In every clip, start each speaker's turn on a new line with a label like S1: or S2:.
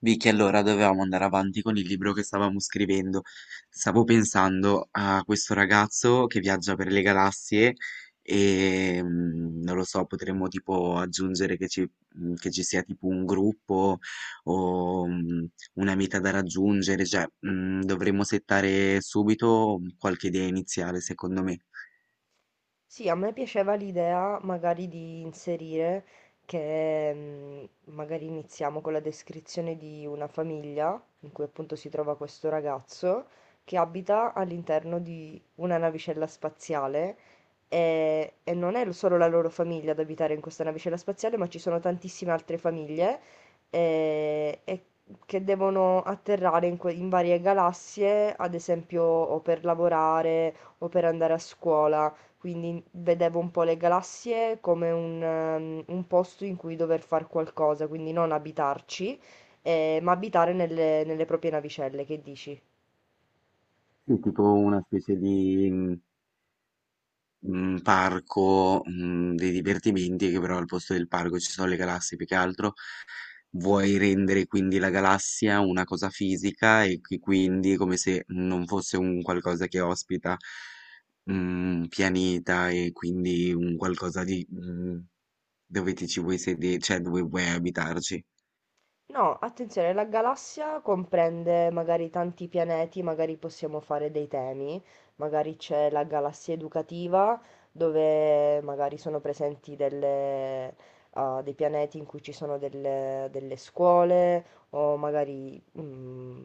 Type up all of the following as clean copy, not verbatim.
S1: Vicky, allora dovevamo andare avanti con il libro che stavamo scrivendo. Stavo pensando a questo ragazzo che viaggia per le galassie e non lo so, potremmo tipo aggiungere che ci sia tipo un gruppo o una meta da raggiungere, cioè dovremmo settare subito qualche idea iniziale, secondo me.
S2: Sì, a me piaceva l'idea magari di inserire che magari iniziamo con la descrizione di una famiglia in cui appunto si trova questo ragazzo che abita all'interno di una navicella spaziale e, non è solo la loro famiglia ad abitare in questa navicella spaziale, ma ci sono tantissime altre famiglie eh, e che devono atterrare in varie galassie, ad esempio o per lavorare o per andare a scuola. Quindi vedevo un po' le galassie come un posto in cui dover fare qualcosa, quindi non abitarci, ma abitare nelle proprie navicelle. Che dici?
S1: Sì, tipo una specie di un parco, dei divertimenti che però al posto del parco ci sono le galassie più che altro. Vuoi rendere quindi la galassia una cosa fisica e quindi come se non fosse un qualcosa che ospita un pianeta e quindi un qualcosa di dove ti ci vuoi sedere, cioè dove vuoi abitarci.
S2: No, attenzione, la galassia comprende magari tanti pianeti, magari possiamo fare dei temi, magari c'è la galassia educativa, dove magari sono presenti delle, ah, dei pianeti in cui ci sono delle scuole, o magari,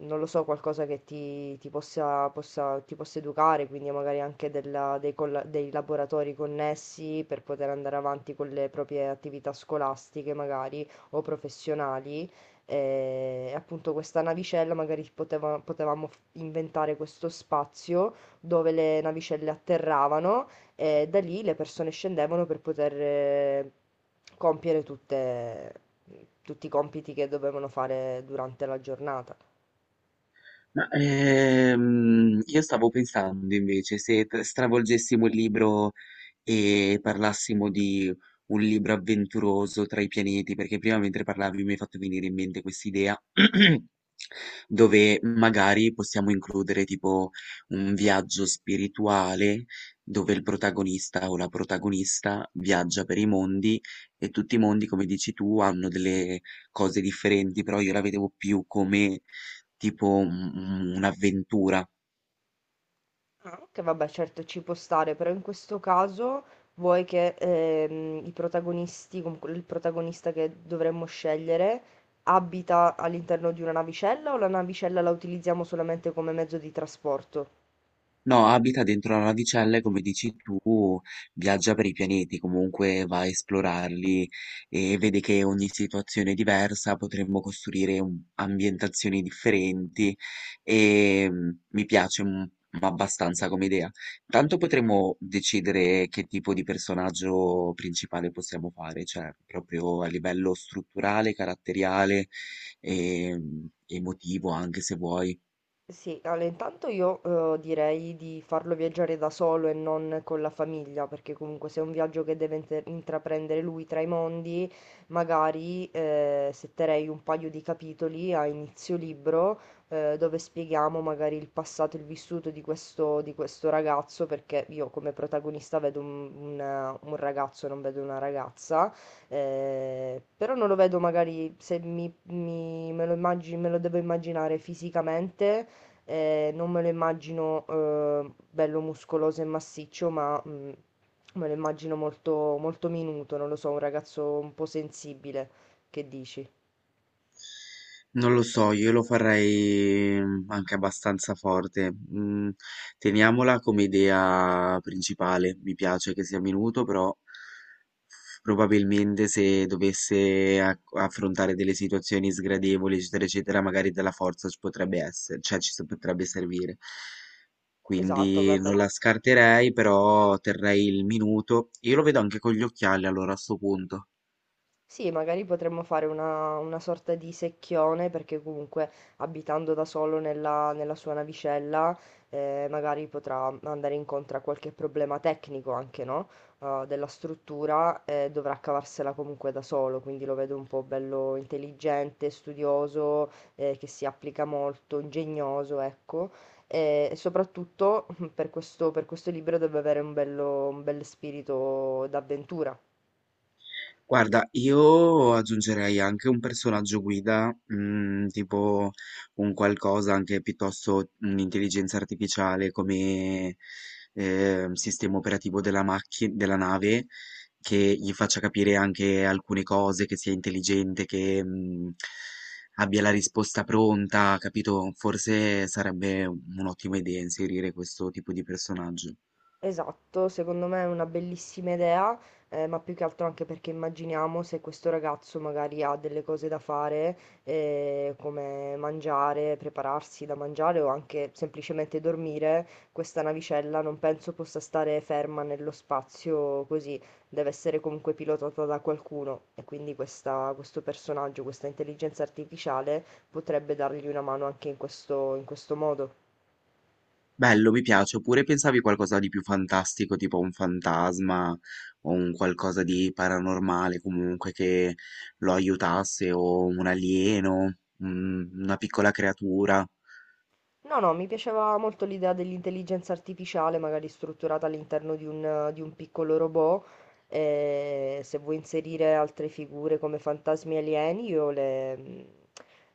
S2: non lo so, qualcosa che ti possa, ti possa educare, quindi magari anche dei, dei laboratori connessi per poter andare avanti con le proprie attività scolastiche, magari o professionali. E appunto questa navicella magari potevamo inventare questo spazio dove le navicelle atterravano e da lì le persone scendevano per poter compiere tutti i compiti che dovevano fare durante la giornata.
S1: Ma io stavo pensando invece se stravolgessimo il libro e parlassimo di un libro avventuroso tra i pianeti, perché prima mentre parlavi mi hai fatto venire in mente quest'idea dove magari possiamo includere tipo un viaggio spirituale dove il protagonista o la protagonista viaggia per i mondi e tutti i mondi, come dici tu, hanno delle cose differenti, però io la vedevo più come tipo un'avventura.
S2: Ah, ok, vabbè, certo ci può stare, però in questo caso vuoi che i protagonisti, comunque il protagonista che dovremmo scegliere, abita all'interno di una navicella o la navicella la utilizziamo solamente come mezzo di trasporto?
S1: No, abita dentro la navicella e, come dici tu, viaggia per i pianeti, comunque va a esplorarli e vede che ogni situazione è diversa, potremmo costruire ambientazioni differenti e mi piace abbastanza come idea. Tanto potremmo decidere che tipo di personaggio principale possiamo fare, cioè proprio a livello strutturale, caratteriale e emotivo anche, se vuoi.
S2: Sì, allora intanto io direi di farlo viaggiare da solo e non con la famiglia, perché comunque se è un viaggio che deve intraprendere lui tra i mondi, magari setterei un paio di capitoli a inizio libro dove spieghiamo magari il passato e il vissuto di di questo ragazzo, perché io come protagonista vedo un ragazzo, non vedo una ragazza, però non lo vedo magari se me lo me lo devo immaginare fisicamente non me lo immagino bello muscoloso e massiccio, ma me lo immagino molto, molto minuto, non lo so, un ragazzo un po' sensibile, che dici?
S1: Non lo so, io lo farei anche abbastanza forte. Teniamola come idea principale. Mi piace che sia minuto, però probabilmente se dovesse affrontare delle situazioni sgradevoli, eccetera, eccetera, magari della forza ci potrebbe essere, cioè potrebbe servire.
S2: Esatto,
S1: Quindi
S2: vabbè.
S1: non la scarterei, però terrei il minuto. Io lo vedo anche con gli occhiali allora, a sto punto.
S2: Sì, magari potremmo fare una sorta di secchione, perché comunque abitando da solo nella sua navicella, magari potrà andare incontro a qualche problema tecnico anche, no? Della struttura e dovrà cavarsela comunque da solo, quindi lo vedo un po' bello intelligente, studioso, che si applica molto, ingegnoso, ecco. E soprattutto per per questo libro deve avere un un bel spirito d'avventura.
S1: Guarda, io aggiungerei anche un personaggio guida, tipo un qualcosa anche piuttosto un'intelligenza artificiale come sistema operativo della macchina, della nave, che gli faccia capire anche alcune cose, che sia intelligente, che abbia la risposta pronta, capito? Forse sarebbe un'ottima idea inserire questo tipo di personaggio.
S2: Esatto, secondo me è una bellissima idea, ma più che altro anche perché immaginiamo se questo ragazzo magari ha delle cose da fare, come mangiare, prepararsi da mangiare o anche semplicemente dormire, questa navicella non penso possa stare ferma nello spazio così, deve essere comunque pilotata da qualcuno e quindi questo personaggio, questa intelligenza artificiale potrebbe dargli una mano anche in questo modo.
S1: Bello, mi piace. Oppure pensavi qualcosa di più fantastico, tipo un fantasma o un qualcosa di paranormale comunque che lo aiutasse, o un alieno, una piccola creatura.
S2: No, no, mi piaceva molto l'idea dell'intelligenza artificiale, magari strutturata all'interno di di un piccolo robot. E se vuoi inserire altre figure come fantasmi alieni, io le,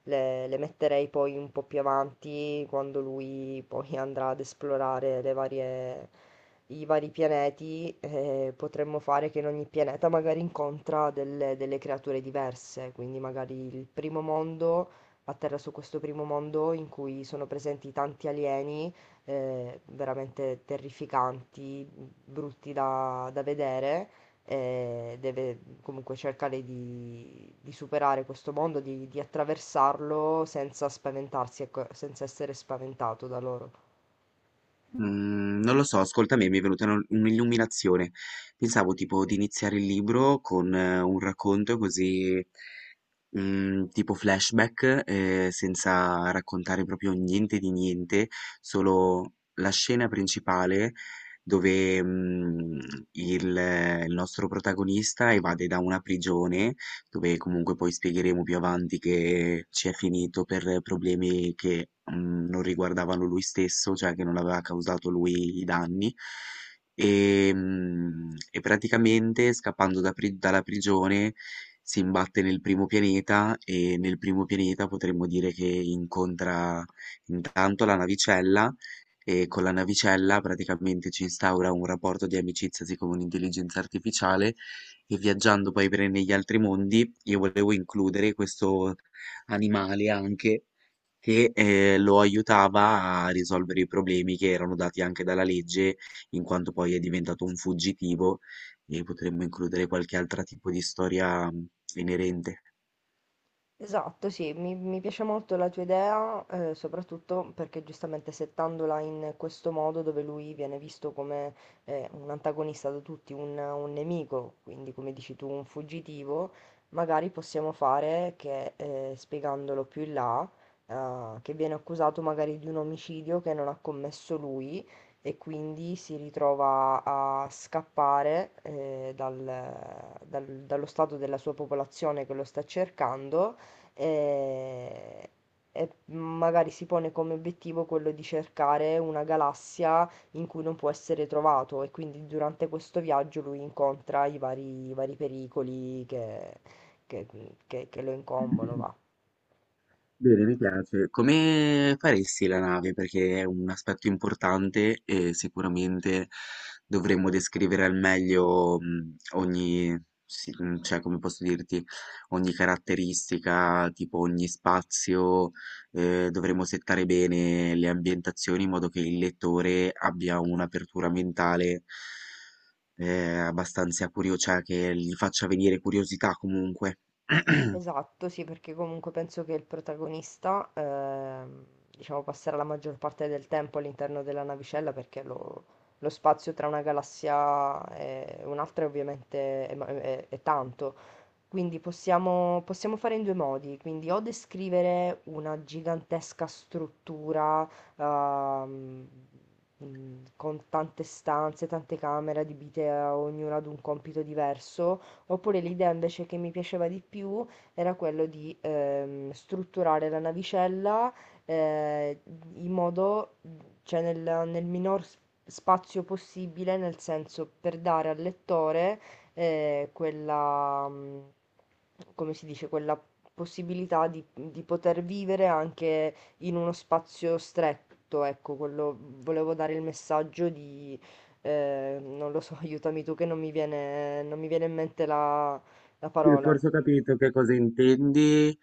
S2: le- le metterei poi un po' più avanti, quando lui poi andrà ad esplorare le varie i vari pianeti. Eh, potremmo fare che in ogni pianeta magari incontra delle creature diverse, quindi magari il primo mondo a terra su questo primo mondo in cui sono presenti tanti alieni veramente terrificanti, brutti da vedere. Eh, deve comunque cercare di superare questo mondo, di attraversarlo senza spaventarsi, ecco, senza essere spaventato da loro.
S1: Non lo so, ascolta me, mi è venuta un'illuminazione. Pensavo tipo di iniziare il libro con un racconto così, tipo flashback, senza raccontare proprio niente di niente, solo la scena principale dove, mhmm, il nostro protagonista evade da una prigione, dove comunque poi spiegheremo più avanti che ci è finito per problemi non riguardavano lui stesso, cioè che non aveva causato lui i danni e, e praticamente scappando dalla prigione si imbatte nel primo pianeta, e nel primo pianeta potremmo dire che incontra intanto la navicella, e con la navicella praticamente ci instaura un rapporto di amicizia siccome un'intelligenza artificiale. E viaggiando poi per negli altri mondi io volevo includere questo animale anche, che lo aiutava a risolvere i problemi che erano dati anche dalla legge, in quanto poi è diventato un fuggitivo, e potremmo includere qualche altro tipo di storia inerente.
S2: Esatto, sì, mi piace molto la tua idea, soprattutto perché giustamente settandola in questo modo dove lui viene visto come un antagonista da tutti, un nemico, quindi come dici tu, un fuggitivo, magari possiamo fare che spiegandolo più in là, che viene accusato magari di un omicidio che non ha commesso lui e quindi si ritrova a scappare dallo stato della sua popolazione che lo sta cercando e, e magari si pone come obiettivo quello di cercare una galassia in cui non può essere trovato e quindi durante questo viaggio lui incontra i i vari pericoli che- che lo incombono, va.
S1: Bene, mi piace. Come faresti la nave? Perché è un aspetto importante e sicuramente dovremmo descrivere al meglio ogni, sì, cioè come posso dirti, ogni caratteristica, tipo ogni spazio. Dovremmo settare bene le ambientazioni in modo che il lettore abbia un'apertura mentale abbastanza curiosa, cioè che gli faccia venire curiosità comunque.
S2: Esatto, sì, perché comunque penso che il protagonista, diciamo, passerà la maggior parte del tempo all'interno della navicella perché lo spazio tra una galassia e un'altra ovviamente è è tanto. Quindi possiamo fare in due modi, quindi o descrivere una gigantesca struttura ehm, con tante stanze, tante camere adibite a ognuna ad un compito diverso, oppure l'idea invece che mi piaceva di più era quello di strutturare la navicella eh, in modo, cioè nel minor spazio possibile, nel senso per dare al lettore quella, come si dice, quella possibilità di poter vivere anche in uno spazio stretto, ecco, quello volevo dare il messaggio di, non lo so, aiutami tu che non mi viene, non mi viene in mente la
S1: Sì,
S2: parola.
S1: forse ho capito che cosa intendi.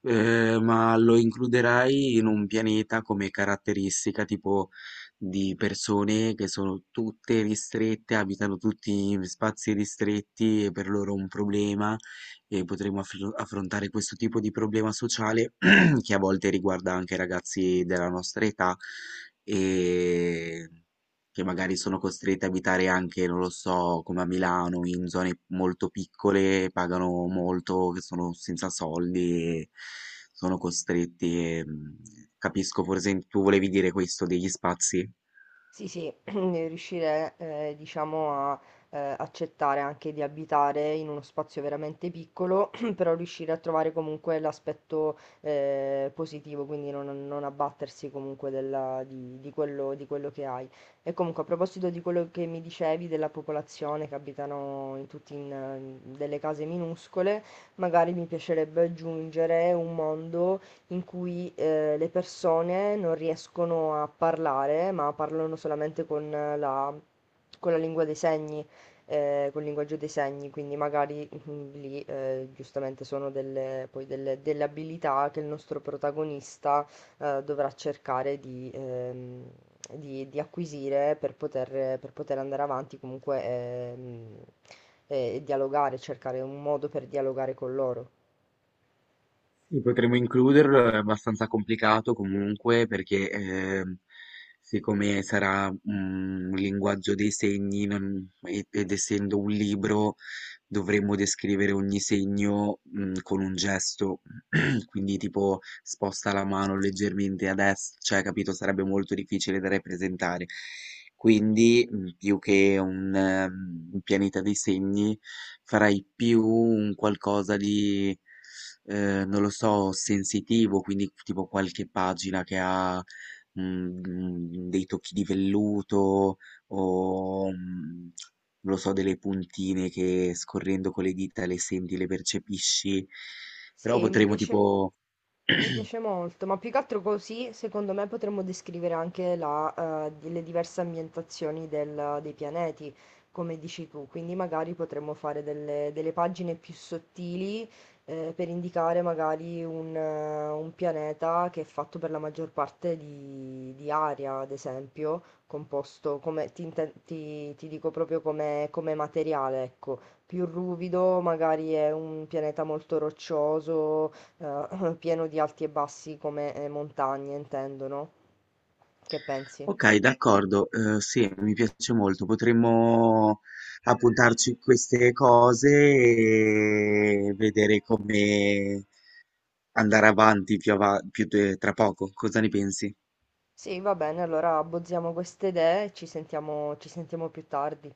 S1: Ma lo includerai in un pianeta come caratteristica tipo di persone che sono tutte ristrette, abitano tutti in spazi ristretti, è per loro un problema, e potremo affrontare questo tipo di problema sociale che a volte riguarda anche i ragazzi della nostra età e che magari sono costrette a abitare anche, non lo so, come a Milano, in zone molto piccole, pagano molto, che sono senza soldi e sono costretti. E, capisco, forse tu volevi dire questo degli spazi?
S2: Sì, sì, riuscire, diciamo, a accettare anche di abitare in uno spazio veramente piccolo, però riuscire a trovare comunque l'aspetto positivo, quindi non abbattersi comunque di di quello che hai. E comunque, a proposito di quello che mi dicevi della popolazione che abitano in tutti in, delle case minuscole, magari mi piacerebbe aggiungere un mondo in cui le persone non riescono a parlare, ma parlano solamente con con la lingua dei segni, col linguaggio dei segni, quindi magari lì giustamente sono delle, delle abilità che il nostro protagonista dovrà cercare di... di acquisire per per poter andare avanti comunque dialogare, cercare un modo per dialogare con loro.
S1: Sì, potremmo includerlo, è abbastanza complicato comunque perché siccome sarà un linguaggio dei segni ed essendo un libro dovremmo descrivere ogni segno, con un gesto, quindi tipo sposta la mano leggermente a dest, cioè capito, sarebbe molto difficile da rappresentare. Quindi, più che un pianeta dei segni, farei più un qualcosa di, non lo so, sensitivo, quindi tipo qualche pagina che ha, dei tocchi di velluto o, mhmm non lo so, delle puntine che scorrendo con le dita le senti, le percepisci, però
S2: Sì,
S1: potremmo tipo...
S2: mi piace molto, ma più che altro così, secondo me, potremmo descrivere anche le diverse ambientazioni dei pianeti, come dici tu. Quindi magari potremmo fare delle pagine più sottili, per indicare magari un pianeta che è fatto per la maggior parte di aria, ad esempio, composto come, ti dico proprio come, come materiale, ecco più ruvido, magari è un pianeta molto roccioso, pieno di alti e bassi come montagne, intendo, no? Che pensi?
S1: Ok, d'accordo, sì, mi piace molto, potremmo appuntarci queste cose e vedere come andare avanti più, tra poco, cosa ne pensi?
S2: Sì, va bene, allora abbozziamo queste idee e ci sentiamo più tardi.